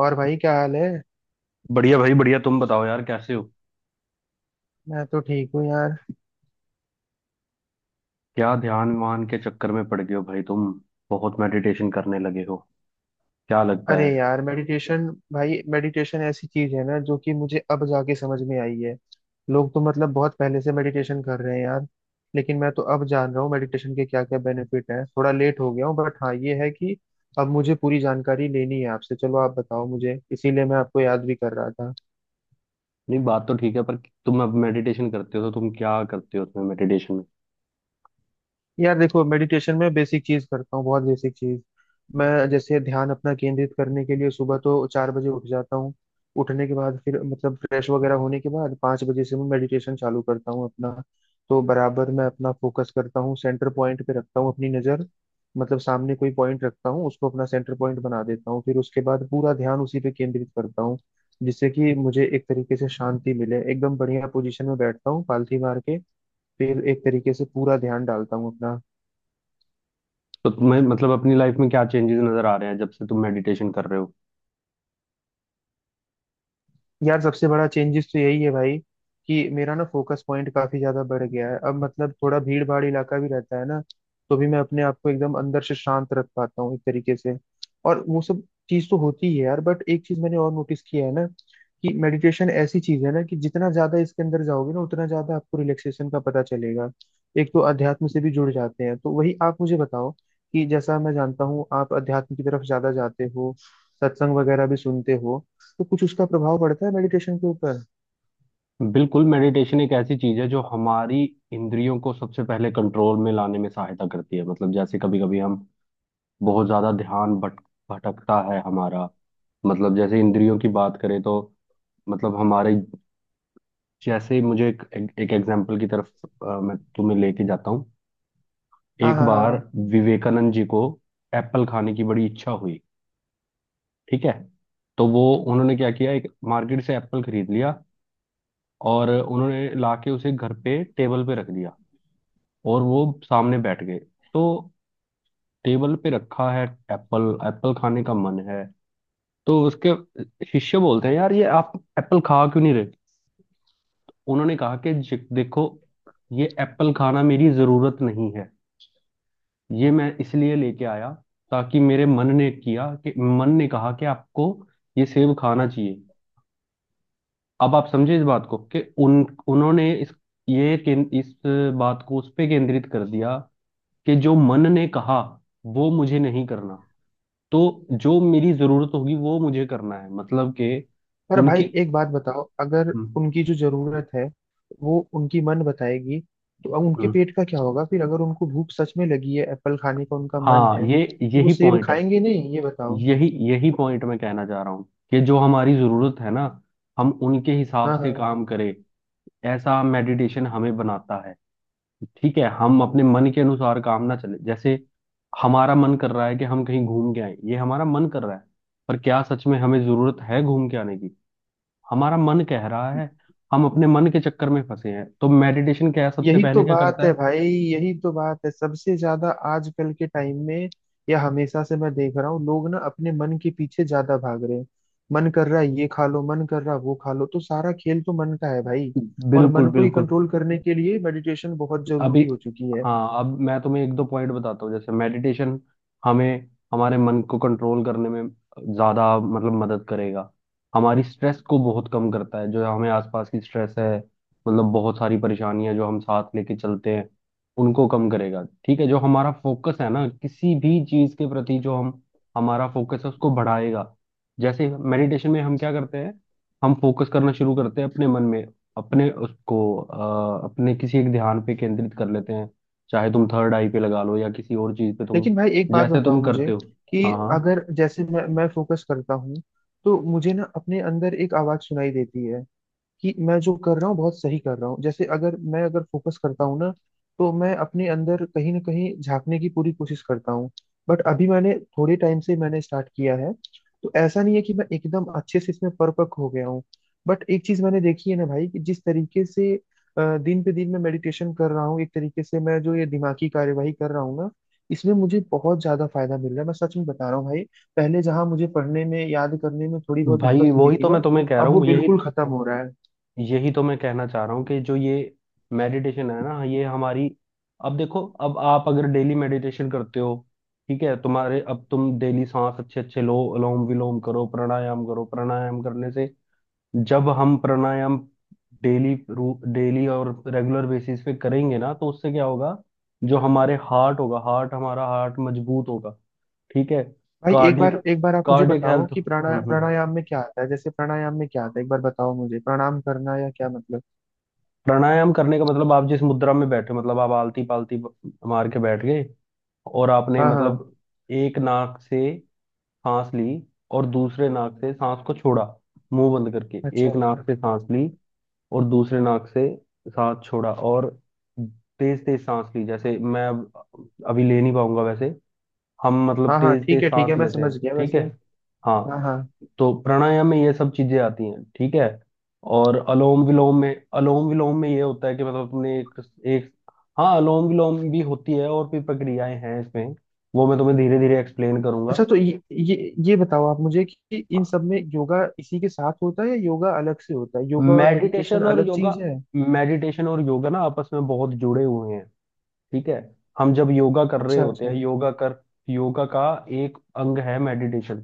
और भाई क्या हाल है। बढ़िया भाई बढ़िया। तुम बताओ यार कैसे हो। मैं तो ठीक हूँ यार। क्या ध्यान वान के चक्कर में पड़ गए हो भाई तुम। बहुत मेडिटेशन करने लगे हो क्या लगता अरे है। यार मेडिटेशन, भाई मेडिटेशन ऐसी चीज है ना जो कि मुझे अब जाके समझ में आई है। लोग तो मतलब बहुत पहले से मेडिटेशन कर रहे हैं यार, लेकिन मैं तो अब जान रहा हूँ मेडिटेशन के क्या क्या बेनिफिट हैं। थोड़ा लेट हो गया हूँ बट हाँ ये है कि अब मुझे पूरी जानकारी लेनी है आपसे। चलो आप बताओ मुझे, इसीलिए मैं आपको याद भी कर रहा था। नहीं बात तो ठीक है पर तुम अब मेडिटेशन करते हो तो तुम क्या करते हो उसमें मेडिटेशन में। यार देखो, मेडिटेशन में बेसिक चीज करता हूँ, बहुत बेसिक चीज। मैं जैसे ध्यान अपना केंद्रित करने के लिए सुबह तो चार बजे उठ जाता हूँ। उठने के बाद फिर मतलब फ्रेश वगैरह होने के बाद पाँच बजे से मैं मेडिटेशन चालू करता हूँ अपना। तो बराबर मैं अपना फोकस करता हूँ, सेंटर पॉइंट पे रखता हूँ अपनी नज़र। मतलब सामने कोई पॉइंट रखता हूँ, उसको अपना सेंटर पॉइंट बना देता हूँ, फिर उसके बाद पूरा ध्यान उसी पे केंद्रित करता हूँ, जिससे कि मुझे एक तरीके से शांति मिले। एकदम बढ़िया पोजीशन में बैठता हूँ पालथी मार के, फिर एक तरीके से पूरा ध्यान डालता हूँ अपना। तो तुम्हें मतलब अपनी लाइफ में क्या चेंजेस नजर आ रहे हैं जब से तुम मेडिटेशन कर रहे हो। यार सबसे बड़ा चेंजेस तो यही है भाई, कि मेरा ना फोकस पॉइंट काफी ज्यादा बढ़ गया है। अब मतलब थोड़ा भीड़ भाड़ इलाका भी रहता है ना, तो भी मैं अपने आप को एकदम अंदर से शांत रख पाता हूँ एक तरीके से। और वो सब चीज तो होती है यार, बट एक चीज मैंने और नोटिस किया है ना, कि मेडिटेशन ऐसी चीज है ना कि जितना ज्यादा इसके अंदर जाओगे ना उतना ज्यादा आपको रिलैक्सेशन का पता चलेगा। एक तो अध्यात्म से भी जुड़ जाते हैं। तो वही आप मुझे बताओ, कि जैसा मैं जानता हूँ आप अध्यात्म की तरफ ज्यादा जाते हो, सत्संग वगैरह भी सुनते हो, तो कुछ उसका प्रभाव पड़ता है मेडिटेशन के ऊपर? बिल्कुल, मेडिटेशन एक ऐसी चीज है जो हमारी इंद्रियों को सबसे पहले कंट्रोल में लाने में सहायता करती है। मतलब जैसे कभी कभी हम बहुत ज्यादा ध्यान भट भटकता है हमारा। मतलब जैसे इंद्रियों की बात करें तो मतलब हमारे, जैसे ही मुझे एक एक एग्जांपल की तरफ मैं तुम्हें लेके जाता हूँ। हाँ एक हाँ हाँ बार हाँ। विवेकानंद जी को एप्पल खाने की बड़ी इच्छा हुई, ठीक है। तो वो, उन्होंने क्या किया, एक मार्केट से एप्पल खरीद लिया और उन्होंने लाके उसे घर पे टेबल पे रख दिया और वो सामने बैठ गए। तो टेबल पे रखा है एप्पल, एप्पल खाने का मन है। तो उसके शिष्य बोलते हैं यार ये आप एप्पल खा क्यों नहीं रहे। उन्होंने कहा कि देखो ये एप्पल खाना मेरी जरूरत नहीं है। ये मैं इसलिए लेके आया ताकि मेरे मन ने किया कि मन ने कहा कि आपको ये सेब खाना चाहिए। अब आप समझे इस बात को कि उन उन्होंने इस इस बात को उस पे केंद्रित कर दिया कि जो मन ने कहा वो मुझे नहीं करना। तो जो मेरी जरूरत होगी वो मुझे करना है। मतलब कि पर भाई उनकी। एक बात बताओ, अगर हम्म, उनकी जो जरूरत है वो उनकी मन बताएगी, तो अब उनके हम्म। पेट का क्या होगा फिर? अगर उनको भूख सच में लगी है, एप्पल खाने का उनका मन हाँ है, ये, तो वो यही सेब पॉइंट है। खाएंगे नहीं? ये बताओ। यही यही पॉइंट मैं कहना चाह रहा हूँ कि जो हमारी जरूरत है ना, हम उनके हिसाब हाँ से हाँ। काम करें। ऐसा मेडिटेशन हमें बनाता है। ठीक है, हम अपने मन के अनुसार काम ना चले। जैसे हमारा मन कर रहा है कि हम कहीं घूम के आए, ये हमारा मन कर रहा है। पर क्या सच में हमें जरूरत है घूम के आने की। हमारा मन कह रहा है। हम अपने मन के चक्कर में फंसे हैं। तो मेडिटेशन क्या है, सबसे यही तो पहले क्या बात करता है है। भाई, यही तो बात है, सबसे ज्यादा आजकल के टाइम में या हमेशा से मैं देख रहा हूँ, लोग ना अपने मन के पीछे ज्यादा भाग रहे हैं। मन कर रहा है ये खा लो, मन कर रहा है वो खा लो, तो सारा खेल तो मन का है भाई। और बिल्कुल मन को ही बिल्कुल। कंट्रोल करने के लिए मेडिटेशन बहुत अभी, जरूरी हो चुकी है। हाँ अब मैं तुम्हें एक दो पॉइंट बताता हूँ। जैसे मेडिटेशन हमें हमारे मन को कंट्रोल करने में ज्यादा मतलब मदद करेगा। हमारी स्ट्रेस को बहुत कम करता है। जो हमें आसपास की स्ट्रेस है मतलब बहुत सारी परेशानियां जो हम साथ लेके चलते हैं उनको कम करेगा। ठीक है, जो हमारा फोकस है ना किसी भी चीज के प्रति, जो हम हमारा फोकस है उसको बढ़ाएगा। जैसे मेडिटेशन में हम क्या करते हैं, हम फोकस करना शुरू करते हैं अपने मन में। अपने उसको अपने किसी एक ध्यान पे केंद्रित कर लेते हैं। चाहे तुम थर्ड आई पे लगा लो या किसी और चीज पे तुम, लेकिन भाई एक बात जैसे तुम बताओ करते मुझे, हो। कि हाँ हाँ। अगर जैसे मैं फोकस करता हूँ, तो मुझे ना अपने अंदर एक आवाज सुनाई देती है, कि मैं जो कर रहा हूँ बहुत सही कर रहा हूँ। जैसे अगर मैं अगर फोकस करता हूँ ना, तो मैं अपने अंदर कहीं ना कहीं झांकने की पूरी कोशिश करता हूँ। बट अभी मैंने थोड़े टाइम से मैंने स्टार्ट किया है, तो ऐसा नहीं है कि मैं एकदम अच्छे से इसमें परपक हो गया हूँ। बट एक चीज मैंने देखी है ना भाई, कि जिस तरीके से दिन पे दिन मैं मेडिटेशन कर रहा हूँ एक तरीके से, मैं जो ये दिमागी कार्यवाही कर रहा हूँ ना, इसमें मुझे बहुत ज्यादा फायदा मिल रहा है। मैं सच में बता रहा हूँ भाई, पहले जहां मुझे पढ़ने में याद करने में थोड़ी बहुत भाई दिक्कत होती वही थी तो मैं ना, तुम्हें कह रहा अब वो हूँ। यही बिल्कुल खत्म हो रहा है। यही तो मैं कहना चाह रहा हूँ कि जो ये मेडिटेशन है ना ये हमारी। अब देखो, अब आप अगर डेली मेडिटेशन करते हो, ठीक है, तुम्हारे अब तुम डेली सांस अच्छे अच्छे लो, अनुलोम विलोम करो, प्राणायाम करो। प्राणायाम करने से, जब हम प्राणायाम डेली, डेली और रेगुलर बेसिस पे करेंगे ना, तो उससे क्या होगा। जो हमारे हार्ट होगा हार्ट हमारा हार्ट मजबूत होगा, ठीक है। भाई कार्डिक, एक बार आप मुझे कार्डिक बताओ, हेल्थ। कि प्राणायाम में क्या आता है? जैसे प्राणायाम में क्या आता है, एक बार बताओ मुझे। प्रणाम करना या क्या मतलब? प्राणायाम करने का मतलब आप जिस मुद्रा में बैठे हो, मतलब आप आलती पालती मार के बैठ गए और आपने हाँ हाँ। मतलब एक नाक से सांस ली और दूसरे नाक से सांस को छोड़ा, मुंह बंद करके। अच्छा एक अच्छा। नाक से सांस ली और दूसरे नाक से सांस छोड़ा। और तेज तेज सांस ली, जैसे मैं अब अभी ले नहीं पाऊंगा वैसे। हम मतलब हाँ हाँ तेज ठीक तेज है ठीक है, सांस मैं लेते हैं, समझ गया ठीक वैसे। है। हाँ हाँ, हाँ। तो प्राणायाम में ये सब चीजें आती हैं, ठीक है। और अलोम विलोम में, अलोम विलोम में ये होता है कि मतलब तुमने एक, एक, हाँ अलोम विलोम भी होती है और भी प्रक्रियाएं हैं इसमें। वो मैं तुम्हें धीरे धीरे एक्सप्लेन अच्छा करूंगा। तो ये बताओ आप मुझे, कि इन सब में योगा इसी के साथ होता है या योगा अलग से होता है? योगा और मेडिटेशन मेडिटेशन और अलग चीज योगा, है? मेडिटेशन और योगा ना आपस में बहुत जुड़े हुए हैं, ठीक है। हम जब योगा कर रहे अच्छा होते अच्छा। हैं योगा कर योगा का एक अंग है मेडिटेशन।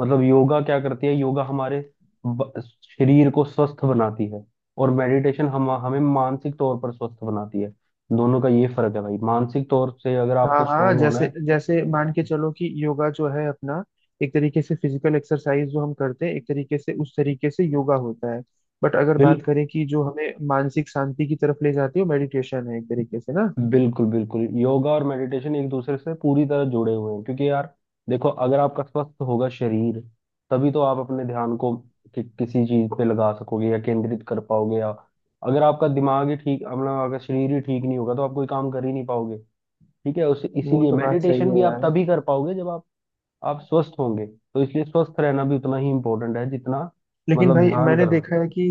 मतलब योगा क्या करती है, योगा हमारे शरीर को स्वस्थ बनाती है और मेडिटेशन हम हमें मानसिक तौर पर स्वस्थ बनाती है। दोनों का ये फर्क है भाई। मानसिक तौर से अगर हाँ आपको हाँ। स्ट्रोंग होना जैसे है। जैसे मान के चलो कि योगा जो है अपना एक तरीके से फिजिकल एक्सरसाइज जो हम करते हैं, एक तरीके से उस तरीके से योगा होता है। बट अगर बिल बात करें कि जो हमें मानसिक शांति की तरफ ले जाती है वो मेडिटेशन है एक तरीके से ना। बिल्कुल बिल्कुल, योगा और मेडिटेशन एक दूसरे से पूरी तरह जुड़े हुए हैं क्योंकि यार, देखो अगर आपका स्वस्थ होगा शरीर तभी तो आप अपने ध्यान को किसी चीज पे लगा सकोगे या केंद्रित कर पाओगे। या अगर आपका दिमाग ही ठीक, मतलब अगर शरीर ही ठीक नहीं होगा तो आप कोई काम कर ही नहीं पाओगे। ठीक है, उस वो इसीलिए तो बात सही मेडिटेशन है भी आप यार। तभी कर पाओगे जब आप स्वस्थ होंगे। तो इसलिए स्वस्थ रहना भी उतना ही इम्पोर्टेंट है जितना लेकिन मतलब भाई ध्यान मैंने करना। देखा है कि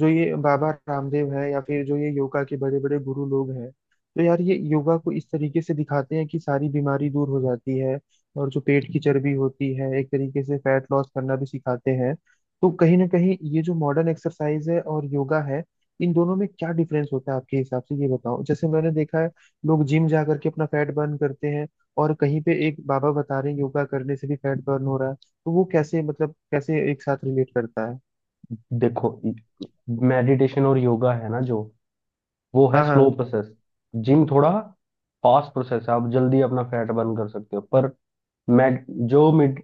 जो ये बाबा रामदेव है या फिर जो ये योगा के बड़े बड़े गुरु लोग हैं, तो यार ये योगा को इस तरीके से दिखाते हैं कि सारी बीमारी दूर हो जाती है, और जो पेट की चर्बी होती है एक तरीके से फैट लॉस करना भी सिखाते हैं। तो कहीं ना कहीं ये जो मॉडर्न एक्सरसाइज है और योगा है, इन दोनों में क्या डिफरेंस होता है आपके हिसाब से? ये बताओ। जैसे मैंने देखा है, लोग जिम जा करके अपना फैट बर्न करते हैं, और कहीं पे एक बाबा बता रहे हैं योगा करने से भी फैट बर्न हो रहा है। तो वो कैसे, मतलब कैसे एक साथ रिलेट करता है? देखो, मेडिटेशन और योगा है ना जो, वो है हाँ हाँ। Slow process. जिम थोड़ा फास्ट प्रोसेस है, आप जल्दी अपना फैट बर्न कर सकते हो, पर मैड जो मिड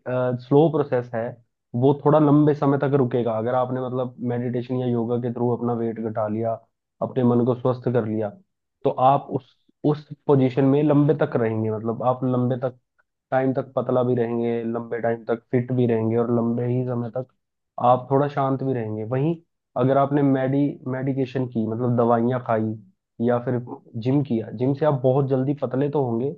स्लो प्रोसेस है, वो थोड़ा लंबे समय तक रुकेगा। अगर आपने मतलब मेडिटेशन या योगा के थ्रू अपना वेट घटा लिया, अपने मन को स्वस्थ कर लिया, तो आप उस पोजीशन में लंबे तक रहेंगे। मतलब आप लंबे तक टाइम तक पतला भी रहेंगे, लंबे टाइम तक फिट भी रहेंगे, और लंबे ही समय तक आप थोड़ा शांत भी रहेंगे। वहीं अगर आपने मेडी मेडिकेशन की मतलब दवाइयाँ खाई या फिर जिम किया, जिम से आप बहुत जल्दी पतले तो होंगे,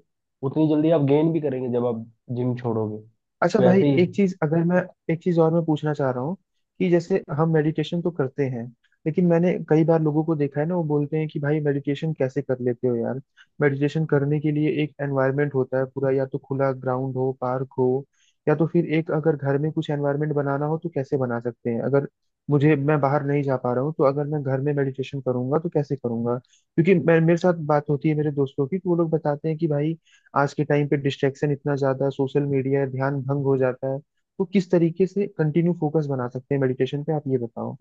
उतनी जल्दी आप गेन भी करेंगे जब आप जिम छोड़ोगे। अच्छा भाई, वैसे ही, एक चीज अगर मैं एक चीज और मैं पूछना चाह रहा हूँ, कि जैसे हम मेडिटेशन तो करते हैं, लेकिन मैंने कई बार लोगों को देखा है ना, वो बोलते हैं कि भाई मेडिटेशन कैसे कर लेते हो यार? मेडिटेशन करने के लिए एक एनवायरनमेंट होता है पूरा, या तो खुला ग्राउंड हो, पार्क हो, या तो फिर एक अगर घर में कुछ एनवायरनमेंट बनाना हो तो कैसे बना सकते हैं? अगर मुझे मैं बाहर नहीं जा पा रहा हूँ, तो अगर मैं घर में मेडिटेशन करूंगा तो कैसे करूंगा? क्योंकि मैं मेरे साथ बात होती है मेरे दोस्तों की, तो वो लोग बताते हैं कि भाई आज के टाइम पे डिस्ट्रैक्शन इतना ज्यादा है, सोशल मीडिया है, ध्यान भंग हो जाता है। तो किस तरीके से कंटिन्यू फोकस बना सकते हैं मेडिटेशन पे? आप ये बताओ।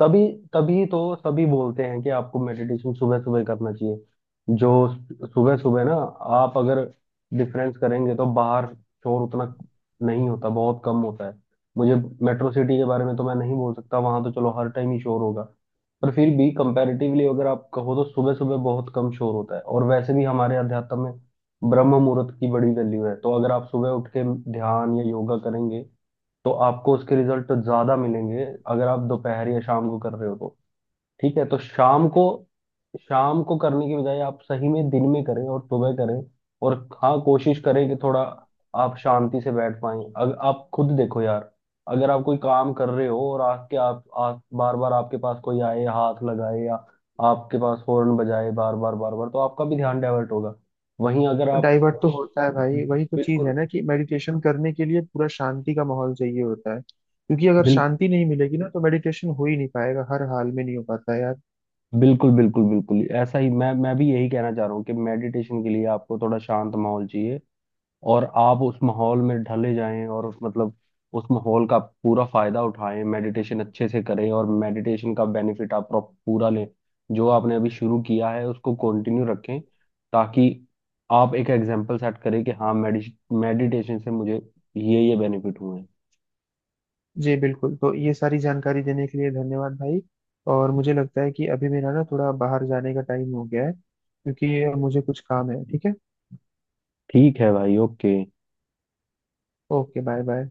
तभी तभी तो सभी बोलते हैं कि आपको मेडिटेशन सुबह सुबह करना चाहिए। जो सुबह सुबह ना, आप अगर डिफरेंस करेंगे तो बाहर शोर उतना नहीं होता, बहुत कम होता है। मुझे मेट्रो सिटी के बारे में तो मैं नहीं बोल सकता, वहां तो चलो हर टाइम ही शोर होगा। पर फिर भी कंपैरेटिवली अगर आप कहो तो सुबह सुबह बहुत कम शोर होता है। और वैसे भी हमारे अध्यात्म में ब्रह्म मुहूर्त की बड़ी वैल्यू है। तो अगर आप सुबह उठ के ध्यान या योगा करेंगे तो आपको उसके रिजल्ट तो ज्यादा मिलेंगे, अगर आप दोपहर या शाम को कर रहे हो तो। ठीक है, तो शाम को, शाम को करने की बजाय आप सही में दिन में करें और सुबह करें। और हाँ, कोशिश करें कि थोड़ा आप शांति से बैठ पाएं। अगर आप खुद देखो यार, अगर आप कोई काम कर रहे हो और आके आप बार बार आपके पास कोई आए हाथ लगाए या आपके पास हॉर्न बजाए बार बार तो आपका भी ध्यान डाइवर्ट होगा। वहीं अगर आप, डाइवर्ट तो होता है भाई, वही तो चीज है बिल्कुल ना, कि मेडिटेशन करने के लिए पूरा शांति का माहौल चाहिए होता है, क्योंकि अगर शांति नहीं मिलेगी ना तो मेडिटेशन हो ही नहीं पाएगा। हर हाल में नहीं हो पाता है यार। बिल्कुल बिल्कुल बिल्कुल ऐसा ही, मैं भी यही कहना चाह रहा हूँ कि मेडिटेशन के लिए आपको थोड़ा शांत माहौल चाहिए और आप उस माहौल में ढले जाएं और उस मतलब उस माहौल का पूरा फायदा उठाएं, मेडिटेशन अच्छे से करें और मेडिटेशन का बेनिफिट आप पूरा लें। जो आपने अभी शुरू किया है उसको कंटिन्यू रखें, ताकि आप एक एग्जाम्पल सेट करें कि हाँ, मेडिटेशन से मुझे ये बेनिफिट हुए हैं। जी बिल्कुल। तो ये सारी जानकारी देने के लिए धन्यवाद भाई। और मुझे लगता है कि अभी मेरा ना थोड़ा बाहर जाने का टाइम हो गया है, क्योंकि मुझे कुछ काम है, ठीक है। ठीक है भाई, ओके। Okay, bye bye.